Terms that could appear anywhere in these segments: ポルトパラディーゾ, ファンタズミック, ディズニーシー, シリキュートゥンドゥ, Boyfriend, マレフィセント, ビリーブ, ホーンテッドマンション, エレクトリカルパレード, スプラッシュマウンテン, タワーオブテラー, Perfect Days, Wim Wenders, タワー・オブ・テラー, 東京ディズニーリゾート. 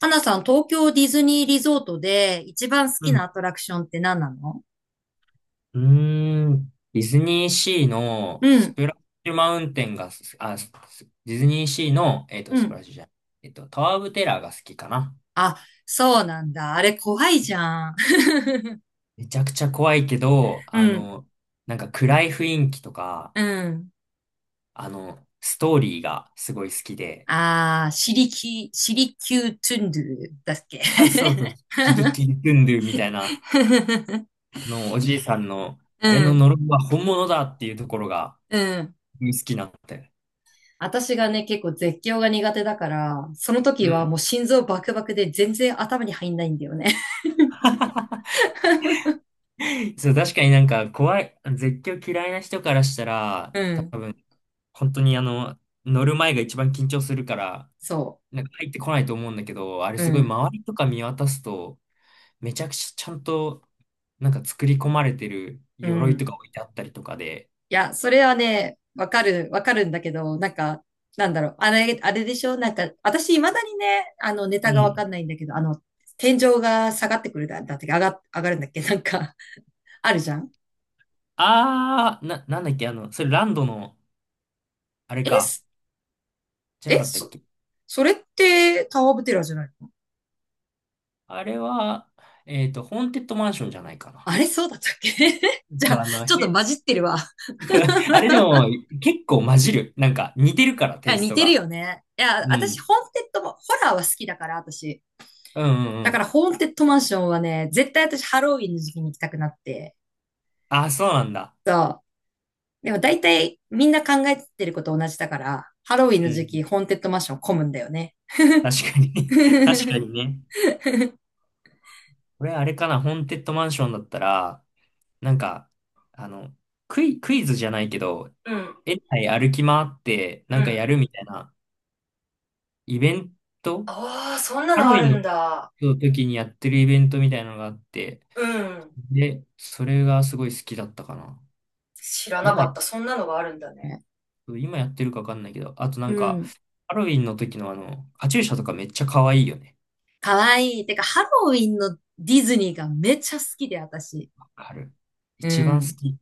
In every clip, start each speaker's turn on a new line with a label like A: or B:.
A: 花さん、東京ディズニーリゾートで一番好
B: う
A: きな
B: ん。
A: アトラクションって何なの？
B: うーん。ディズニーシーの
A: う
B: ス
A: ん、
B: プラッシュマウンテンがす、ディズニーシーの、
A: う
B: スプ
A: ん。
B: ラッシュじゃない、タワー・オブ・テラーが好きかな。
A: あ、そうなんだ。あれ怖いじゃん。
B: めちゃくちゃ怖いけど、
A: うん、
B: なんか暗い雰囲気とか、
A: うん。
B: ストーリーがすごい好きで、
A: ああ、シリキュートゥンドゥだっけ？
B: あ、そうそう、刺激キドゥンドゥみたいな の、おじいさんの、
A: う
B: あれの
A: ん、
B: 呪いは本物だっていうところが
A: うん。
B: 好きなんだよ。
A: 私がね、結構絶叫が苦手だから、その
B: う
A: 時は
B: ん。
A: もう心臓バクバクで全然頭に入んないんだよね。
B: そう、確かになんか怖い、絶叫嫌いな人からした ら、
A: うん、
B: 多分、本当に乗る前が一番緊張するから、
A: そ
B: なんか入ってこないと思うんだけど、あれ
A: う。う
B: すごい
A: ん、
B: 周りとか見渡すと、めちゃくちゃちゃんと、なんか作り込まれてる
A: う
B: 鎧と
A: ん。
B: か置いてあったりとかで、
A: いや、それはね、わかる、わかるんだけど、なんか、なんだろう、あれでしょなんか、私、未だにね、ネ
B: う
A: タがわか
B: ん。
A: んないんだけど、天井が下がってくるだって、上がるんだっけなんか、あるじゃん。
B: なんだっけ、それランドの、あれ
A: え、
B: か、
A: す
B: じゃな
A: え、
B: かったっ
A: そ、
B: け。
A: それって、タワーオブテラーじゃないの？
B: あれは、ホーンテッドマンションじゃないかな。
A: あれ、そうだったっけ？ じゃ
B: そう、
A: あ、ちょっと混じってるわ。
B: あれでも結構混じる。なんか似てるから
A: い
B: テ
A: や、
B: イス
A: 似
B: ト
A: てる
B: が。
A: よね。いや、
B: う
A: 私、
B: ん。
A: ホーンテッドも、ホラーは好きだから、私。
B: うんうんう
A: だから、
B: ん。
A: ホーンテッドマンションはね、絶対私、ハロウィンの時期に行きたくなって、
B: あ、そうなんだ。
A: そう。でも大体みんな考えてること同じだから、ハロウィン
B: う
A: の時期、
B: ん、
A: ホーンテッドマンション混むんだよね。
B: 確かに 確かに ね。これあれかな、ホーンテッドマンションだったら、なんか、あの、クイズじゃないけど、
A: うん、
B: 園内歩き回ってな
A: う
B: んか
A: ん。
B: やるみたいなイベント
A: ああ、そんな
B: ハ
A: の
B: ロウ
A: あ
B: ィ
A: るん
B: ン
A: だ。
B: の時にやってるイベントみたいなのがあって、
A: うん。
B: で、それがすごい好きだったかな。
A: 知らな
B: 今
A: か
B: や、
A: った。そんなのがあるんだね。ね。
B: 今やってるかわかんないけど、あとな
A: う
B: んか、
A: ん。
B: ハロウィンの時のカチューシャとかめっちゃ可愛いよね。
A: かわいい。てか、ハロウィンのディズニーがめちゃ好きで、私。
B: わかる。
A: う
B: 一番好
A: ん。
B: き。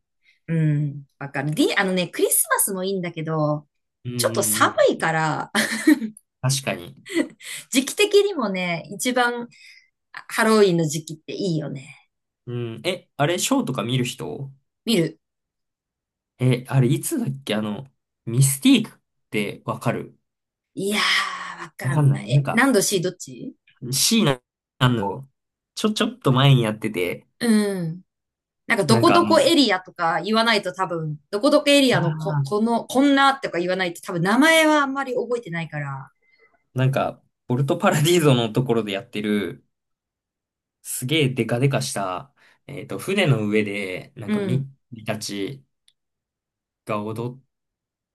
A: うん。わかる。あのね、クリスマスもいいんだけど、
B: うんう
A: ちょっと
B: んう
A: 寒
B: ん。
A: いから、
B: 確かに。
A: 時期的にもね、一番ハロウィンの時期っていいよね。
B: うん。え、あれ、ショーとか見る人？
A: 見る。
B: え、あれ、いつだっけミスティークってわかる？
A: いやー、わ
B: わ
A: か
B: かん
A: ん
B: な
A: ない。
B: い。なん
A: え、
B: か、
A: 何度 C どっち？
B: シーナあの、ちょっと前にやってて、
A: うん。なんか、ど
B: なん
A: こ
B: か
A: どこエリアとか言わないと多分、どこどこエリ
B: あ
A: アの
B: ー
A: こんなとか言わないと多分、名前はあんまり覚えてないから、
B: なんか、ポルトパラディーゾのところでやってる、すげえデカデカした、船の上で、なん
A: う
B: か
A: ん。
B: ミッキーたちが踊っ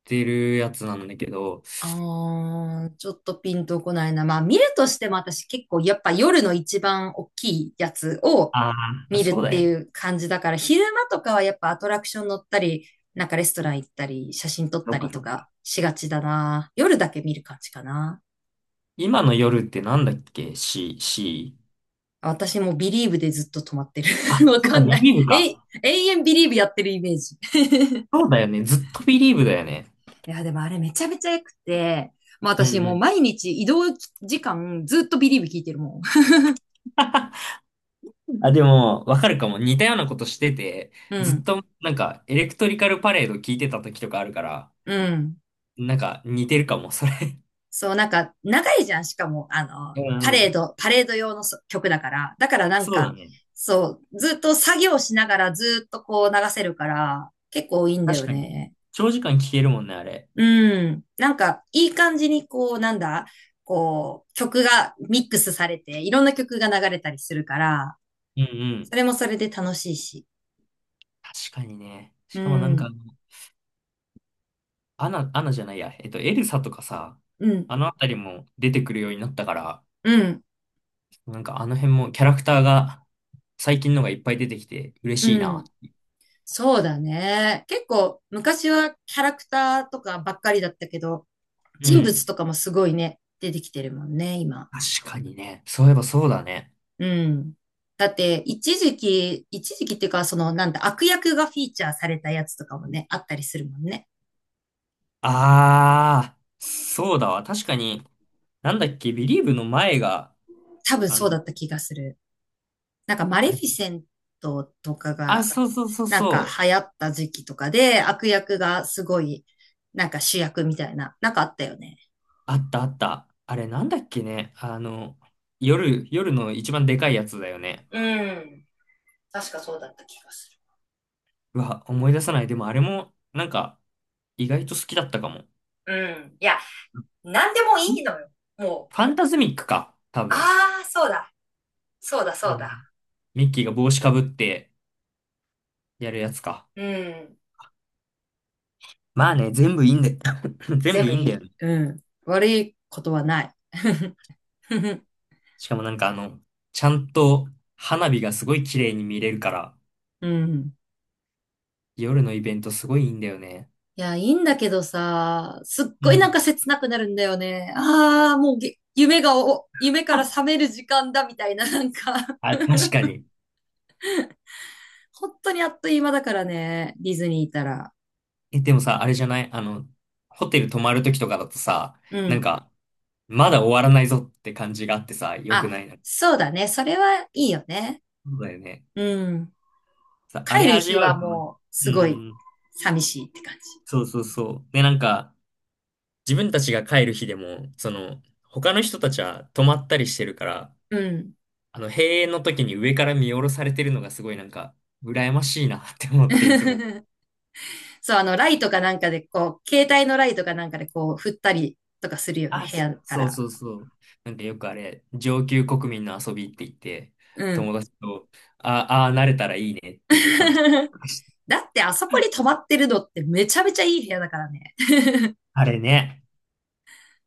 B: てるやつなんだけど、
A: あー、ちょっとピンとこないな。まあ、見るとしても私結構、やっぱ夜の一番大きいやつを
B: ああ、
A: 見るっ
B: そうだ
A: て
B: よ
A: い
B: ね。
A: う感じだから、昼間とかはやっぱアトラクション乗ったり、なんかレストラン行ったり、写真撮っ
B: そ
A: た
B: っ
A: り
B: か、
A: とかしがちだな。夜だけ見る感じかな。
B: 今の夜ってなんだっけ？ C、C。
A: 私もビリーブでずっと止まってる。
B: あ、
A: わ
B: そっ
A: か
B: か、
A: んな
B: ビ
A: い。
B: リーブ
A: え
B: か。
A: 永遠ビリーブやってるイメージ。
B: そうだよね。ずっとビリーブだよね。
A: いや、でもあれめちゃめちゃ良くて、まあ
B: う
A: 私もう
B: ん
A: 毎日移動時間ずっとビリーブ聞いてるもん。
B: うん。あ、でも、わかるかも。似たようなことしてて、
A: う
B: ずっ
A: ん、
B: と、なんか、エレクトリカルパレード聞いてた時とかあるから、
A: うん。
B: なんか、似てるかも、それ。
A: そう、なんか長いじゃん。しかも、
B: うんうん。
A: パレード用の曲だから。だからなん
B: そうだ
A: か、
B: ね。
A: そう、ずっと作業しながらずっとこう流せるから、結構いいんだ
B: 確
A: よ
B: かに。
A: ね。
B: 長時間聞けるもんね、あれ。
A: うん。なんか、いい感じに、こう、なんだ、こう、曲がミックスされて、いろんな曲が流れたりするから、
B: うんうん。
A: それもそれで楽しいし。
B: 確かにね。
A: う
B: しかもなんか、
A: ん、
B: アナ、アナじゃないや。エルサとかさ、
A: うん、
B: あのあたりも出てくるようになったから、
A: うん、
B: なんかあの辺もキャラクターが最近のがいっぱい出てきて嬉
A: う
B: しいな。
A: ん。そうだね。結構、昔はキャラクターとかばっかりだったけど、
B: う
A: 人物
B: ん。
A: とかもすごいね、出てきてるもんね、今。
B: 確かにね。そういえばそうだね。
A: うん。だって、一時期、一時期っていうか、その、なんだ、悪役がフィーチャーされたやつとかもね、あったりするもんね。
B: あー、そうだわ。確かに、なんだっけ、ビリーブの前が、
A: 多分
B: あ
A: そうだ
B: の、
A: った気がする。なんかマ
B: あ
A: レフ
B: れ、
A: ィセントとか
B: あ、
A: が、
B: そうそうそう
A: なんか
B: そう。
A: 流行った時期とかで、悪役がすごい、なんか主役みたいな、なんかあったよね。
B: あったあった。あれなんだっけね。夜の一番でかいやつだよね。
A: うん。確かそうだった気がす
B: うわ、思い出さない。でもあれも、なんか、意外と好きだったかも。
A: る。うん。いや、なんでも
B: フ
A: いいのよ。もう、
B: ァンタズミックか、多分。
A: ああ、そうだ。そうだ、そ
B: あ
A: う
B: の、
A: だ。
B: ミッキーが帽子かぶって、やるやつか。
A: うん。
B: まあね、全部いいんだよ。全
A: 全
B: 部い
A: 部
B: い
A: い
B: んだよ
A: い。
B: ね。
A: うん。悪いことはない。
B: しかもなんかちゃんと花火がすごい綺麗に見れるから、
A: うん。
B: 夜のイベントすごいいいんだよね。
A: いや、いいんだけどさ、すっ
B: う
A: ごいなん
B: ん。
A: か切なくなるんだよね。ああ、もう夢が夢から 覚める時間だみたいな、なんか。
B: あ、確かに。
A: 本当にあっという間だからね、ディズニーいたら。
B: え、でもさ、あれじゃない？ホテル泊まるときとかだとさ、
A: う
B: なん
A: ん。
B: か、まだ終わらないぞって感じがあってさ、良く
A: あ、
B: ないな。
A: そうだね。それはいいよね。
B: そうだよね。
A: うん。
B: あれ
A: 帰る
B: 味
A: 日
B: わ
A: は
B: うかも。
A: もう、
B: う
A: すごい、
B: ん。
A: 寂しいって感じ。
B: そうそうそう。で、なんか、自分たちが帰る日でも、その、他の人たちは泊まったりしてるから、
A: うん。
B: 閉園の時に上から見下ろされてるのがすごいなんか、羨ましいなって思って、いつも。
A: そう、ライトかなんかで、こう、携帯のライトかなんかで、こう、振ったりとかするよね、
B: あ、
A: 部屋か
B: そう
A: ら。
B: そうそう。なんかよくあれ、上級国民の遊びって言って、
A: うん。
B: 友達と、慣れたらいいねっていう話。
A: だってあそこに泊まってるのってめちゃめちゃいい部屋だからね。
B: あれね、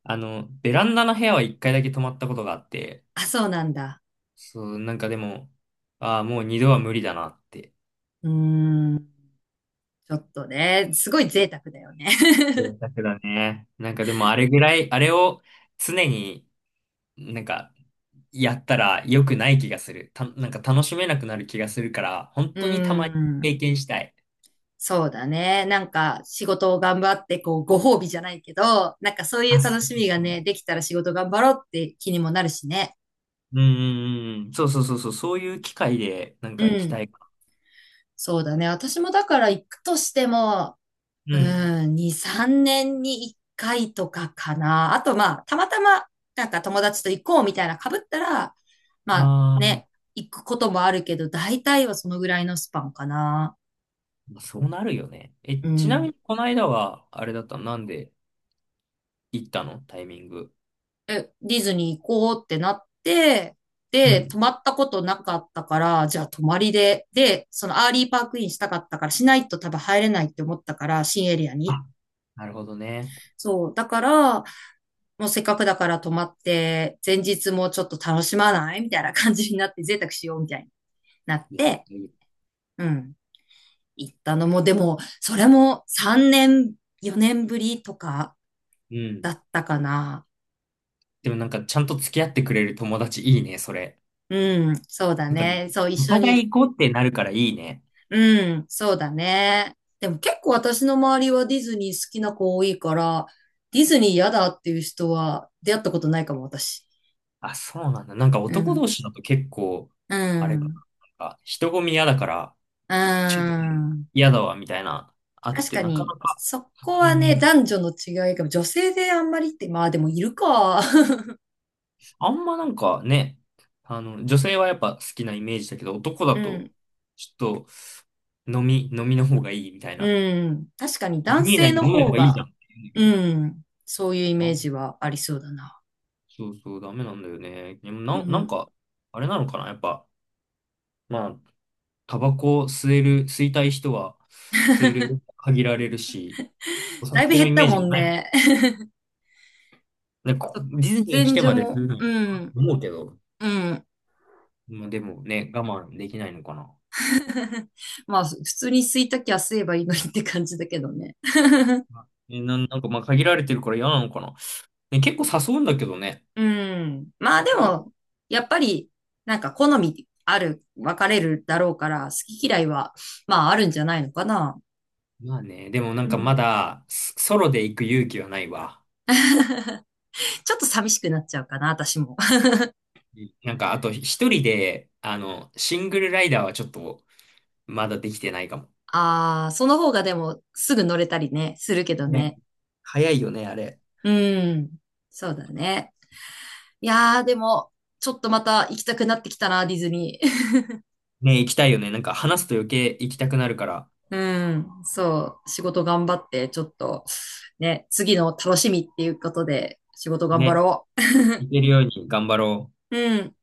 B: ベランダの部屋は一回だけ泊まったことがあって、
A: あ、そうなんだ。
B: そう、なんかでも、ああ、もう二度は無理だなって。
A: うーん。ちょっとね、すごい贅沢だよね。
B: そうだけどね。なんかでもあれぐらい、あれを常になんかやったら良くない気がする。なんか楽しめなくなる気がするから、本
A: うー
B: 当にたまに経
A: ん。
B: 験したい。
A: そうだね。なんか仕事を頑張って、こう、ご褒美じゃないけど、なんかそういう
B: あ、
A: 楽
B: そう
A: し
B: そう
A: みが
B: そう。
A: ね、できたら仕事頑張ろうって気にもなるしね。
B: うんうんうん、そうそうそうそう、そういう機会でなん
A: う
B: か行き
A: ん。
B: たいか
A: そうだね。私もだから行くとしても、
B: な。うん。
A: うん、2、3年に1回とかかな。あと、まあ、たまたま、なんか友達と行こうみたいな被ったら、まあ
B: ああ、
A: ね、行くこともあるけど、大体はそのぐらいのスパンかな。
B: まあ、そうなるよね。え、
A: う
B: ちなみ
A: ん。
B: にこの間は、あれだった？なんで行ったのタイミング？
A: え、ディズニー行こうってなって、
B: う
A: で、
B: ん。
A: 泊まったことなかったから、じゃあ泊まりで、で、そのアーリーパークインしたかったから、しないと多分入れないって思ったから、新エリアに。
B: あ、なるほどね。
A: そう。だから、もうせっかくだから泊まって、前日もちょっと楽しまないみたいな感じになって、贅沢しようみたいになっ
B: いや、
A: て、
B: いい。
A: うん、行ったのも、でも、それも3年、4年ぶりとか
B: う
A: だ
B: ん。
A: ったかな。
B: でもなんかちゃんと付き合ってくれる友達いいね、それ。
A: うん、そうだ
B: なんかね、
A: ね。そう、一
B: お
A: 緒
B: 互
A: に。
B: い行こうってなるからいいね。
A: うん、そうだね。でも結構私の周りはディズニー好きな子多いから、ディズニー嫌だっていう人は出会ったことないかも、私。
B: あ、そうなんだ。なんか
A: う
B: 男同
A: ん、
B: 士だと結構、
A: う
B: あれかな。
A: ん、
B: なんか人混み嫌だから、
A: う
B: ちょっと
A: ん。
B: 嫌だわ、みたいな、あっ
A: 確
B: て、
A: か
B: なか
A: に、
B: なか、
A: そこ
B: タイ
A: は
B: ミ
A: ね、
B: ング、
A: 男女の違いが、女性であんまりって、まあでもいるか。
B: あんまなんかね、女性はやっぱ好きなイメージだけど、男だ
A: う
B: と、
A: ん。
B: ちょっと飲みの方がいいみたいな。
A: うん。確かに
B: ディズ
A: 男
B: ニー
A: 性
B: 内で
A: の
B: 飲め
A: 方
B: ばいいじ
A: が、
B: ゃんって言う
A: う
B: んだけ
A: ん。そういうイ
B: ど、
A: メージ
B: あ、
A: はありそうだな。
B: そうそう、ダメなんだよね。でも
A: う
B: な、なん
A: ん。
B: か、あれなのかな、やっぱ、まあ、タバコ吸える、吸いたい人は、吸える、限られるし、お
A: だいぶ
B: 酒の
A: 減っ
B: イ
A: た
B: メー
A: も
B: ジが
A: ん
B: ないもん。
A: ね。
B: なんか、
A: そう、
B: ディズ
A: 喫
B: ニー来
A: 煙
B: て
A: 所
B: まです
A: も、
B: るの
A: う
B: か
A: ん。
B: 思うけど、
A: うん。
B: まあ、でもね、我慢できないのかな。
A: まあ、普通に吸いたきゃ吸えばいいのにって感じだけどね。
B: え、なんかまあ限られてるから嫌なのかな。ね、結構誘うんだけどね。
A: うん。まあで
B: 他の、
A: も、やっぱり、なんか好みある、分かれるだろうから、好き嫌いは、まああるんじゃないのかな。
B: まあね、でもなん
A: う
B: かま
A: ん。
B: だ、スソロで行く勇気はないわ。
A: ちょっと寂しくなっちゃうかな、私も。
B: うん、なんか、あと一人で、シングルライダーはちょっと、まだできてないかも。
A: ああ、その方がでも、すぐ乗れたりね、するけど
B: ね、
A: ね。
B: 早いよね、あれ。
A: うん。そうだね。いやー、でも、ちょっとまた行きたくなってきたな、ディズニー。
B: ね、行きたいよね。なんか話すと余計行きたくなるから、
A: うん。そう。仕事頑張って、ちょっと、ね、次の楽しみっていうことで、仕事頑張
B: ね、
A: ろ
B: 行けるように頑張ろう。
A: う。うん。